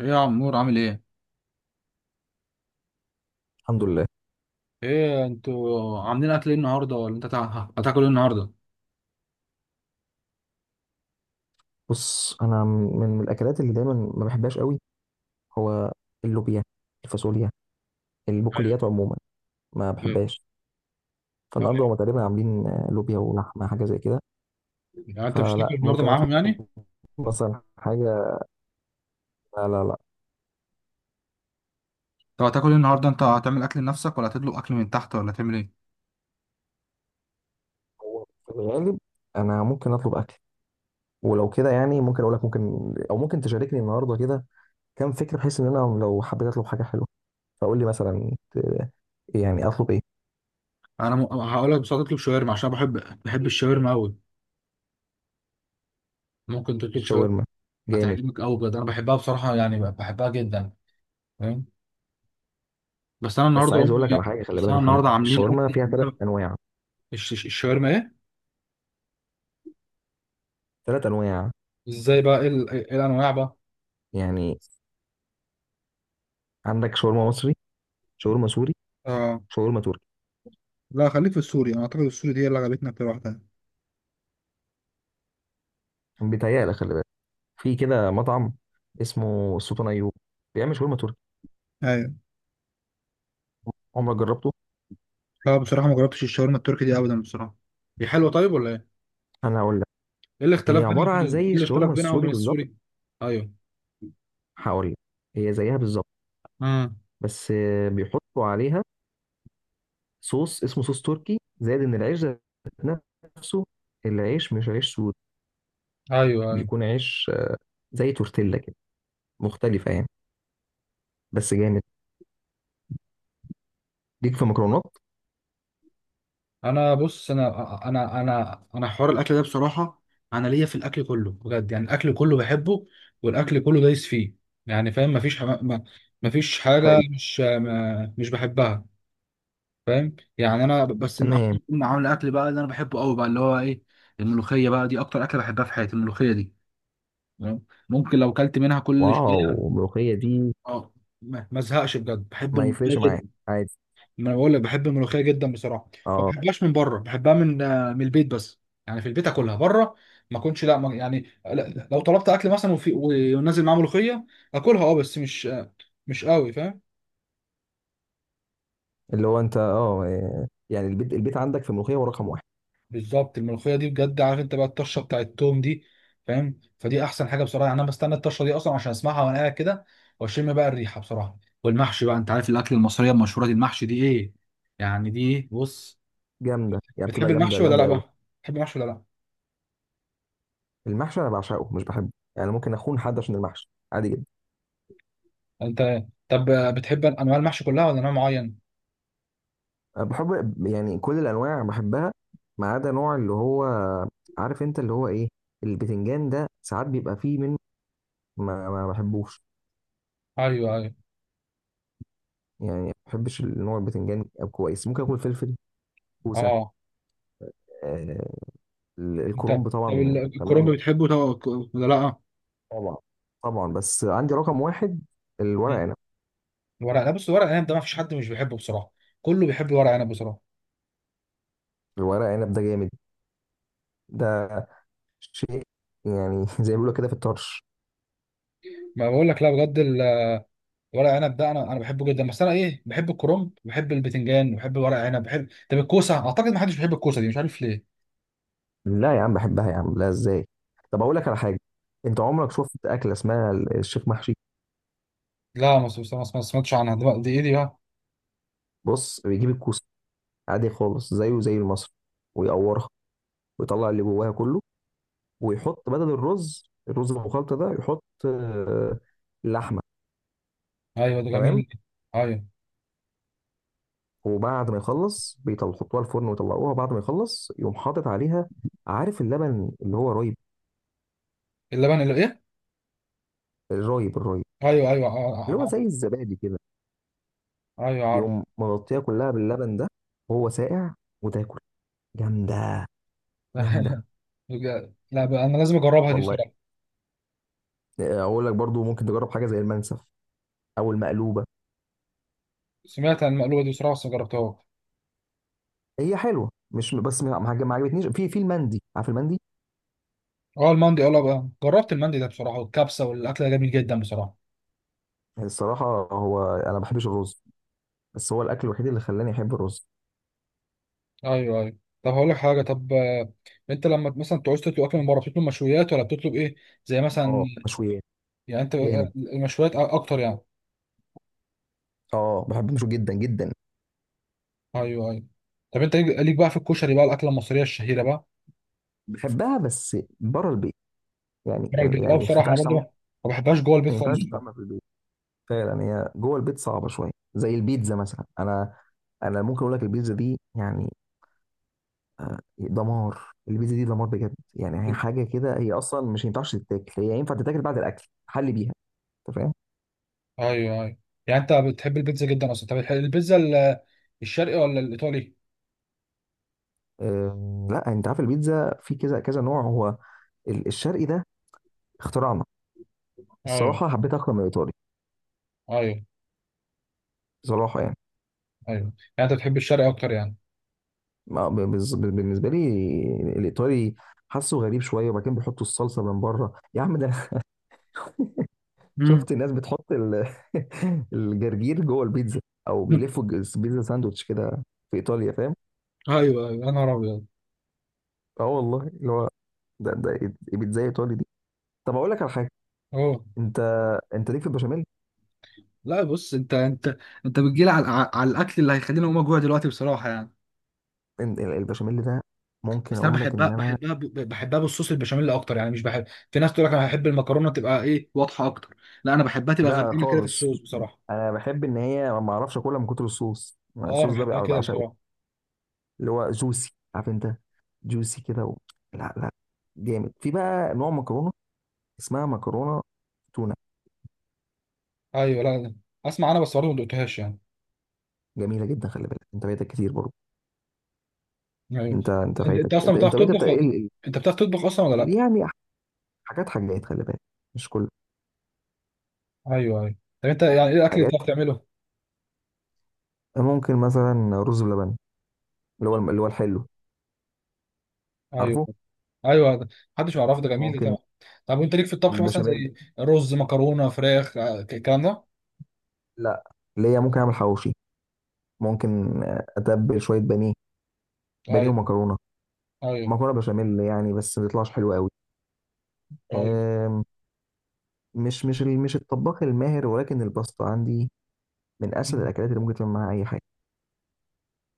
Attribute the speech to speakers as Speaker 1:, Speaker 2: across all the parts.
Speaker 1: ايه يا عمور عامل ايه؟
Speaker 2: الحمد لله.
Speaker 1: ايه انتوا عاملين اكل ايه النهارده ولا انت هتاكل ايه النهارده؟
Speaker 2: بص، انا من الاكلات اللي دايما ما بحبهاش قوي. هو اللوبيا، الفاصوليا،
Speaker 1: ايوه
Speaker 2: البقوليات عموما. ما
Speaker 1: ايوه
Speaker 2: بحبهاش.
Speaker 1: أيوة.
Speaker 2: فالنهارده هما تقريبا عاملين لوبيا ولحمه حاجه زي كده.
Speaker 1: يعني انت مش تاكل
Speaker 2: فلا،
Speaker 1: النهارده
Speaker 2: ممكن اطلب
Speaker 1: معاهم يعني.
Speaker 2: مثلا حاجه. لا لا لا.
Speaker 1: طب هتاكل ايه النهارده؟ انت هتعمل اكل لنفسك ولا هتطلب اكل من تحت ولا هتعمل ايه؟
Speaker 2: هو في الغالب انا ممكن اطلب اكل. ولو كده يعني ممكن اقول لك ممكن، او ممكن تشاركني النهارده كده كام فكره، بحيث ان انا لو حبيت اطلب حاجه حلوه فقول لي مثلا يعني اطلب ايه.
Speaker 1: هقول لك، بس هتطلب شاورما عشان بحب، بحب الشاورما قوي. ممكن تطلب شاورما،
Speaker 2: الشاورما جامد.
Speaker 1: هتعجبك قوي بجد. انا بحبها بصراحه، يعني بحبها جدا. فاهم؟ بس انا
Speaker 2: بس
Speaker 1: النهارده
Speaker 2: عايز اقول
Speaker 1: امي،
Speaker 2: لك على حاجه، خلي
Speaker 1: بس
Speaker 2: بالك يا
Speaker 1: انا
Speaker 2: محمد،
Speaker 1: النهارده عاملين
Speaker 2: الشاورما
Speaker 1: اكل.
Speaker 2: فيها ثلاث انواع.
Speaker 1: الشاورما ايه؟
Speaker 2: ثلاث انواع.
Speaker 1: ازاي بقى؟ إيه الانواع بقى؟
Speaker 2: يعني عندك شاورما مصري، شاورما سوري،
Speaker 1: اه.
Speaker 2: شاورما تركي.
Speaker 1: لا خليك في السوري، انا اعتقد السوري دي هي اللي عجبتنا اكتر واحده.
Speaker 2: بيتهيألك، خلي بالك، في كده مطعم اسمه السلطان ايوب، بيعمل شاورما تركي. عمرك جربته؟
Speaker 1: لا بصراحة ما جربتش الشاورما التركي دي أبدا بصراحة. دي حلوه طيب ولا ايه؟
Speaker 2: انا هقول لك.
Speaker 1: ايه
Speaker 2: هي
Speaker 1: الاختلاف بينها
Speaker 2: عباره عن
Speaker 1: وبين،
Speaker 2: زي
Speaker 1: ايه الاختلاف
Speaker 2: الشاورما
Speaker 1: بينها
Speaker 2: السوري
Speaker 1: وبين
Speaker 2: بالظبط.
Speaker 1: السوري؟ ايوه.
Speaker 2: هقول لك، هي زيها بالظبط.
Speaker 1: امم.
Speaker 2: بس بيحطوا عليها صوص اسمه صوص تركي، زائد ان العيش ذات نفسه، العيش مش عيش سوري.
Speaker 1: ايوه ايوه.
Speaker 2: بيكون عيش زي تورتيلا كده، مختلفه يعني. بس جامد. ليك في مكرونات.
Speaker 1: انا بص، انا حوار الاكل ده بصراحه، انا ليا في الاكل كله بجد، يعني الاكل كله بحبه، والاكل كله دايس فيه. يعني فاهم، مفيش حاجه
Speaker 2: حلو.
Speaker 1: مش، ما مش بحبها. فاهم؟ يعني انا بس النهارده
Speaker 2: تمام.
Speaker 1: كنا عامل اكل بقى اللي انا بحبه قوي بقى اللي هو ايه، الملوخيه بقى دي اكتر اكله بحبها في حياتي، الملوخيه دي. تمام؟ ممكن لو كلت منها كل شويه.
Speaker 2: واو، الملوخية دي.
Speaker 1: اه ما ازهقش بجد، بحب
Speaker 2: ما
Speaker 1: الملوخيه
Speaker 2: يفرقش
Speaker 1: جدا.
Speaker 2: معاك عادي.
Speaker 1: ما أنا بقول لك بحب الملوخيه جدا بصراحه. ما
Speaker 2: اه.
Speaker 1: بحبهاش من بره، بحبها من من البيت بس. يعني في البيت، اكلها بره ما اكونش، لا ما يعني لا- لو طلبت اكل مثلا وفي، ونازل معاه ملوخيه، اكلها اه بس مش، مش قوي فاهم.
Speaker 2: اللي هو انت يعني البيت عندك في الملوخية هو رقم واحد.
Speaker 1: بالظبط. الملوخيه دي بجد، عارف انت بقى الطشه بتاعت التوم دي؟ فاهم؟ فدي احسن حاجه بصراحه، يعني انا بستنى الطشه دي اصلا عشان اسمعها وانا قاعد كده واشم بقى الريحه بصراحه. والمحشي بقى، انت عارف الاكل المصريه المشهوره دي المحشي دي ايه، يعني دي بص.
Speaker 2: جامدة يعني،
Speaker 1: بتحب
Speaker 2: بتبقى جامدة
Speaker 1: المحشي ولا
Speaker 2: جامدة
Speaker 1: لا
Speaker 2: قوي.
Speaker 1: بقى؟ بتحب المحشي ولا لا؟
Speaker 2: المحشي انا بعشقه، مش بحبه. يعني ممكن اخون حد عشان المحشي، عادي جدا.
Speaker 1: انت طب، بتحب انواع المحشي كلها ولا نوع معين؟
Speaker 2: أنا بحب يعني كل الانواع بحبها، ما عدا نوع اللي هو، عارف انت اللي هو ايه، البتنجان ده. ساعات بيبقى فيه منه، ما بحبوش.
Speaker 1: ايوه ايوه.
Speaker 2: يعني ما بحبش النوع البتنجان. كويس. ممكن اكل فلفل، كوسة،
Speaker 1: اه.
Speaker 2: آه،
Speaker 1: انت طب
Speaker 2: الكرنب طبعا.
Speaker 1: الكرنب
Speaker 2: تمام.
Speaker 1: بتحبه؟ ولا لا؟
Speaker 2: طبعا. طبعا، بس عندي رقم واحد، الورق
Speaker 1: مم.
Speaker 2: عنب.
Speaker 1: الورق، لا بص، ورق العنب ده ما فيش حد مش بيحبه بصراحه، كله بيحب ورق عنب بصراحه.
Speaker 2: الورق عنب ده جامد. ده شيء يعني زي ما بيقولوا كده في الطرش.
Speaker 1: ما بقول لك، لا بجد، ورق عنب ده انا، انا بحبه جدا. بس انا ايه، بحب الكرنب، بحب البتنجان، بحب ورق عنب، بحب، طب الكوسه اعتقد ما حدش بيحب الكوسه دي، مش عارف ليه.
Speaker 2: لا يا عم، بحبها يا عم، لا ازاي. طب اقول لك على حاجه، انت عمرك شفت اكله اسمها الشيخ محشي؟
Speaker 1: لا، ما سمعتش عنها. دي بقى، دي ايه دي بقى؟
Speaker 2: بص، بيجيب الكوسه عادي خالص زيه زي المصري، ويقورها ويطلع اللي جواها كله، ويحط بدل الرز المخلط ده، يحط لحمه.
Speaker 1: ايوه ده
Speaker 2: تمام.
Speaker 1: جميل. ايوه.
Speaker 2: وبعد ما يخلص بيحطوها الفرن ويطلعوها، بعد ما يخلص يقوم حاطط عليها، عارف اللبن اللي هو رايب،
Speaker 1: اللبن اللي ايه؟
Speaker 2: الرايب الرايب،
Speaker 1: ايوه ايوه
Speaker 2: اللي هو زي الزبادي كده،
Speaker 1: آه، ايوه عارف.
Speaker 2: يقوم مغطيها كلها باللبن ده وهو ساقع، وتاكل. جامده، جامده.
Speaker 1: بجد. لا بقى انا لازم اجربها دي
Speaker 2: والله،
Speaker 1: بصراحه.
Speaker 2: اقول لك برضو ممكن تجرب حاجه زي المنسف او المقلوبه.
Speaker 1: سمعت عن المقلوبه دي بصراحه بس ما جربتهاش.
Speaker 2: هي حلوه، مش بس ما عجبتنيش في المندي. عارف المندي؟
Speaker 1: اه المندي، اه لا بقى جربت المندي ده بصراحه، والكبسه والاكل ده جميل جدا بصراحه.
Speaker 2: الصراحه، هو انا ما بحبش الرز، بس هو الاكل الوحيد اللي خلاني احب الرز.
Speaker 1: ايوه ايوه. طب هقول لك حاجه طب، انت لما مثلا تعوز تطلب اكل من بره، بتطلب مشويات ولا بتطلب ايه؟ زي
Speaker 2: اه
Speaker 1: مثلا،
Speaker 2: مشويات.
Speaker 1: يعني انت،
Speaker 2: جامد.
Speaker 1: المشويات اكتر يعني؟
Speaker 2: اه، بحب المشوي جدا جدا.
Speaker 1: ايوه ايوه. طب انت ليك بقى في الكشري بقى، الاكله المصريه الشهيره بقى.
Speaker 2: بحبها بس بره البيت. يعني
Speaker 1: بره
Speaker 2: يعني
Speaker 1: البيت اه
Speaker 2: ما
Speaker 1: بصراحه. انا
Speaker 2: ينفعش
Speaker 1: برضو
Speaker 2: تعمل.
Speaker 1: ما بحبهاش جوه البيت
Speaker 2: ما
Speaker 1: خالص
Speaker 2: ينفعش
Speaker 1: بصراحة.
Speaker 2: تعمل في البيت. فعلا هي جوه البيت صعبه شويه، زي البيتزا مثلا. انا ممكن اقول لك البيتزا دي يعني دمار، البيتزا دي دمار بجد، يعني هي حاجه كده، هي اصلا مش ينفعش تتاكل، هي ينفع تتاكل بعد الاكل حل بيها. انت فاهم؟
Speaker 1: ايوه ايوه. يعني انت بتحب البيتزا جدا اصلا؟ طب بتحب البيتزا الشرقي ولا الايطالي؟
Speaker 2: لا انت عارف البيتزا في كذا كذا نوع. هو الشرقي ده اختراعنا.
Speaker 1: ايوه.
Speaker 2: الصراحه حبيت اكتر من الايطالي.
Speaker 1: ايوه.
Speaker 2: بصراحه يعني.
Speaker 1: ايوه. يعني انت بتحب الشرقي اكتر يعني؟
Speaker 2: بالنسبه لي الايطالي، حاسه غريب شويه، وبعدين بيحطوا الصلصه من بره، يا عم ده انا
Speaker 1: امم.
Speaker 2: شفت الناس بتحط الجرجير جوه البيتزا، او بيلفوا البيتزا ساندوتش كده في ايطاليا، فاهم؟
Speaker 1: ايوه ايوه، يا نهار ابيض.
Speaker 2: اه والله، اللي هو ده بيتزا ايطالي دي. طب اقول لك على حاجه،
Speaker 1: اه.
Speaker 2: انت انت ليك في البشاميل؟
Speaker 1: لا بص، انت انت بتجيلي على، على الاكل اللي هيخليني اقوم اجوع دلوقتي بصراحه يعني.
Speaker 2: البشاميل ده ممكن
Speaker 1: بس انا
Speaker 2: اقول لك
Speaker 1: بحبها،
Speaker 2: ان انا،
Speaker 1: بحبها، بحبها بالصوص، البشاميل اكتر يعني، مش بحب. في ناس تقول لك انا هحب المكرونه تبقى ايه، واضحه اكتر، لا انا بحبها تبقى
Speaker 2: لا
Speaker 1: غرقانه كده في
Speaker 2: خالص،
Speaker 1: الصوص بصراحه.
Speaker 2: انا بحب ان هي ما اعرفش اكلها من كتر الصوص.
Speaker 1: اه انا
Speaker 2: الصوص ده
Speaker 1: بحبها كده
Speaker 2: بعشقه،
Speaker 1: بصراحه.
Speaker 2: اللي هو جوسي، عارف انت، جوسي كده لا لا. جامد. في بقى نوع مكرونه اسمها مكرونه تونه.
Speaker 1: ايوه. لا لا، اسمع انا بس برضه ما دقتهاش يعني.
Speaker 2: جميله جدا، خلي بالك، انت فايتك كتير برضه.
Speaker 1: ايوه.
Speaker 2: انت
Speaker 1: انت،
Speaker 2: فايتك،
Speaker 1: انت اصلا
Speaker 2: انت
Speaker 1: بتعرف
Speaker 2: انت انت
Speaker 1: تطبخ
Speaker 2: بتا... ال-
Speaker 1: انت بتعرف تطبخ اصلا ولا لا؟
Speaker 2: ال- يعني حاجات حاجات، خلي بالك، مش كل
Speaker 1: ايوه ايوه. طب انت يعني ايه الاكل اللي
Speaker 2: حاجات.
Speaker 1: بتعرف تعمله؟
Speaker 2: ممكن مثلا رز بلبن، اللي هو اللي هو الحلو،
Speaker 1: ايوه.
Speaker 2: عارفه.
Speaker 1: ايوه ده، محدش يعرفه ده، جميل ده
Speaker 2: ممكن
Speaker 1: طبعا. طب وانت ليك في الطبخ مثلا؟
Speaker 2: البشاميل.
Speaker 1: زي رز مكرونه فراخ، الكلام ده؟
Speaker 2: لا، اللي هي ممكن اعمل حواوشي، ممكن اتبل شويه بانيه، بانيه
Speaker 1: ايوه
Speaker 2: ومكرونه،
Speaker 1: ايوه.
Speaker 2: مكرونه بشاميل يعني. بس ما بيطلعش حلو
Speaker 1: ايوه
Speaker 2: قوي. مش الطباخ الماهر، ولكن الباستا عندي من اسهل الاكلات اللي ممكن تعمل معاها اي حاجه.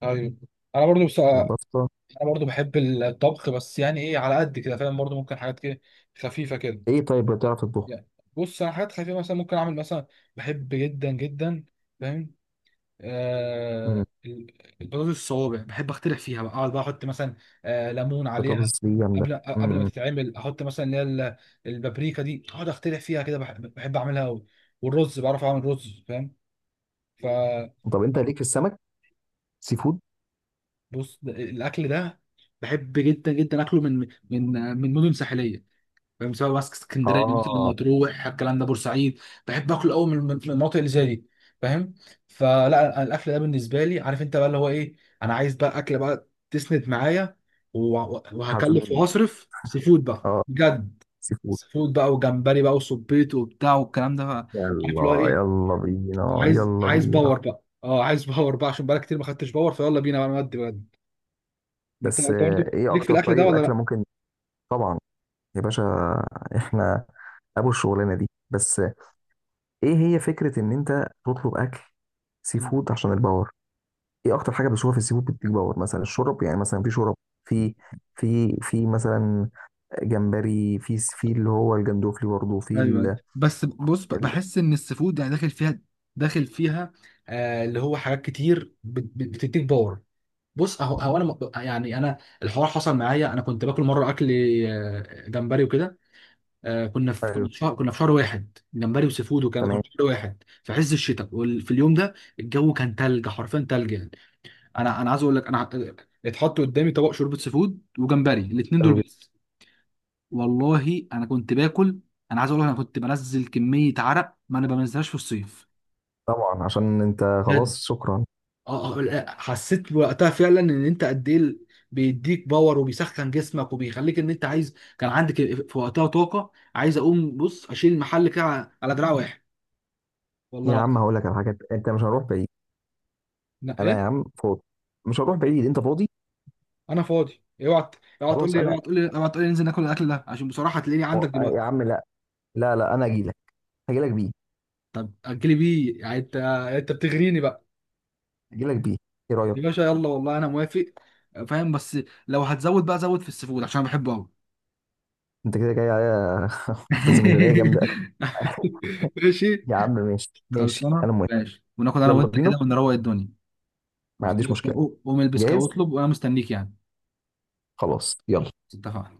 Speaker 1: ايوه. انا برضو بس، انا
Speaker 2: الباستا.
Speaker 1: برضو بحب الطبخ بس يعني ايه، على قد كده فاهم، برضو ممكن حاجات كده خفيفه كده
Speaker 2: ايه؟ طيب بتعرف تطبخ؟
Speaker 1: يعني. بص انا حاجات خفيفه، مثلا ممكن اعمل مثلا، بحب جدا جدا، فاهم؟
Speaker 2: امم.
Speaker 1: آه ال- البطاطس الصوابع بحب اخترع فيها بقى، اقعد بقى احط مثلا آه ليمون عليها،
Speaker 2: بطاطس دي جامده.
Speaker 1: قبل
Speaker 2: امم.
Speaker 1: قبل ما
Speaker 2: إمم.
Speaker 1: تتعمل، احط مثلا اللي هي البابريكا دي، اقعد اخترع فيها كده، بحب, بحب اعملها قوي. والرز بعرف اعمل رز فاهم. فبص،
Speaker 2: طب انت ليك في السمك؟ سي فود.
Speaker 1: الاكل ده بحب جدا جدا اكله من، من، من مدن ساحليه، مساوي ماسك اسكندريه، مثل
Speaker 2: اه.
Speaker 1: مطروح الكلام ده، بورسعيد. بحب اكل قوي من، من المناطق اللي زي دي، فاهم؟ فلا، أنا الاكل ده بالنسبه لي، عارف انت بقى اللي هو ايه، انا عايز بقى اكل بقى تسند معايا وهكلف
Speaker 2: هتقول.
Speaker 1: وهصرف سي فود بقى
Speaker 2: اه،
Speaker 1: بجد.
Speaker 2: سي فود.
Speaker 1: سي فود بقى، وجمبري بقى، وسبيط وبتاع والكلام ده بقى. عارف اللي هو
Speaker 2: يلا
Speaker 1: ايه،
Speaker 2: يلا بينا،
Speaker 1: عايز
Speaker 2: يلا
Speaker 1: عايز
Speaker 2: بينا.
Speaker 1: باور بقى، اه عايز باور بقى، عشان بقى كتير ما خدتش باور، فيلا بينا بقى نودي بجد. انت،
Speaker 2: بس
Speaker 1: انت برضه
Speaker 2: ايه
Speaker 1: ليك في
Speaker 2: اكتر
Speaker 1: الاكل ده
Speaker 2: طيب
Speaker 1: ولا
Speaker 2: اكله ممكن. طبعا يا باشا، احنا ابو الشغلانه دي. بس ايه هي فكره ان انت تطلب اكل سي
Speaker 1: لا؟
Speaker 2: فود عشان الباور؟ ايه اكتر حاجه بشوفها في السي فود بتديك باور؟ مثلا الشرب، يعني مثلا في شرب، في في مثلا جمبري، في اللي هو الجندوفلي، برضه في
Speaker 1: ايوه بس بص،
Speaker 2: ال...
Speaker 1: بحس ان السفود يعني داخل فيها، داخل فيها، آه اللي هو حاجات كتير بتديك باور. بص هو هو انا يعني انا الحوار حصل معايا، انا كنت باكل مره اكل جمبري وكده. كنا في،
Speaker 2: أيوة،
Speaker 1: كنا في شهر واحد جمبري وسيفود، كنا
Speaker 2: تمام.
Speaker 1: في شهر واحد في عز الشتاء، وفي اليوم ده الجو كان تلج، حرفيا تلج يعني. انا انا عايز اقول لك، انا اتحط قدامي طبق شوربه سيفود وجمبري، الاثنين دول
Speaker 2: حلو جدا.
Speaker 1: بس. والله انا كنت باكل، انا عايز اقول لك، انا كنت بنزل كميه عرق ما انا بنزلهاش في الصيف،
Speaker 2: طبعا عشان انت.
Speaker 1: بجد.
Speaker 2: خلاص شكرا.
Speaker 1: اه لا، حسيت وقتها فعلا ان انت قد ايه بيديك باور وبيسخن جسمك وبيخليك ان انت عايز، كان عندك في وقتها طاقه، عايز اقوم بص اشيل المحل كده على، على دراع واحد. والله
Speaker 2: يا عم
Speaker 1: العظيم.
Speaker 2: هقول لك على حاجه، انت مش هنروح بعيد.
Speaker 1: لا
Speaker 2: انا
Speaker 1: ايه.
Speaker 2: يا عم فاضي، مش هنروح بعيد، انت فاضي.
Speaker 1: انا فاضي. اوعى،
Speaker 2: خلاص انا،
Speaker 1: اوعى تقول لي ننزل ناكل الاكل ده، عشان بصراحه هتلاقيني عندك
Speaker 2: يا
Speaker 1: دلوقتي.
Speaker 2: عم لا، لا لا انا اجي لك. هجي لك بيه.
Speaker 1: طب اجلي بيه، يعني انت، انت بتغريني بقى.
Speaker 2: هجي لك بيه. ايه رايك؟
Speaker 1: يا باشا، يلا والله انا موافق. فاهم؟ بس لو هتزود بقى، زود في السيفود عشان أنا بحبه قوي.
Speaker 2: انت كده جاي عليا في ميزانيه جامده
Speaker 1: ماشي.
Speaker 2: يا عم ماشي، ماشي،
Speaker 1: خلصانه،
Speaker 2: انا موافق.
Speaker 1: ماشي، وناخد انا
Speaker 2: يلا
Speaker 1: وانت
Speaker 2: بينا.
Speaker 1: كده ونروق الدنيا.
Speaker 2: ما عنديش
Speaker 1: خلاص،
Speaker 2: مشكله.
Speaker 1: قوم البس كده
Speaker 2: جاهز.
Speaker 1: واطلب وانا مستنيك يعني.
Speaker 2: خلاص يلا.
Speaker 1: اتفقنا.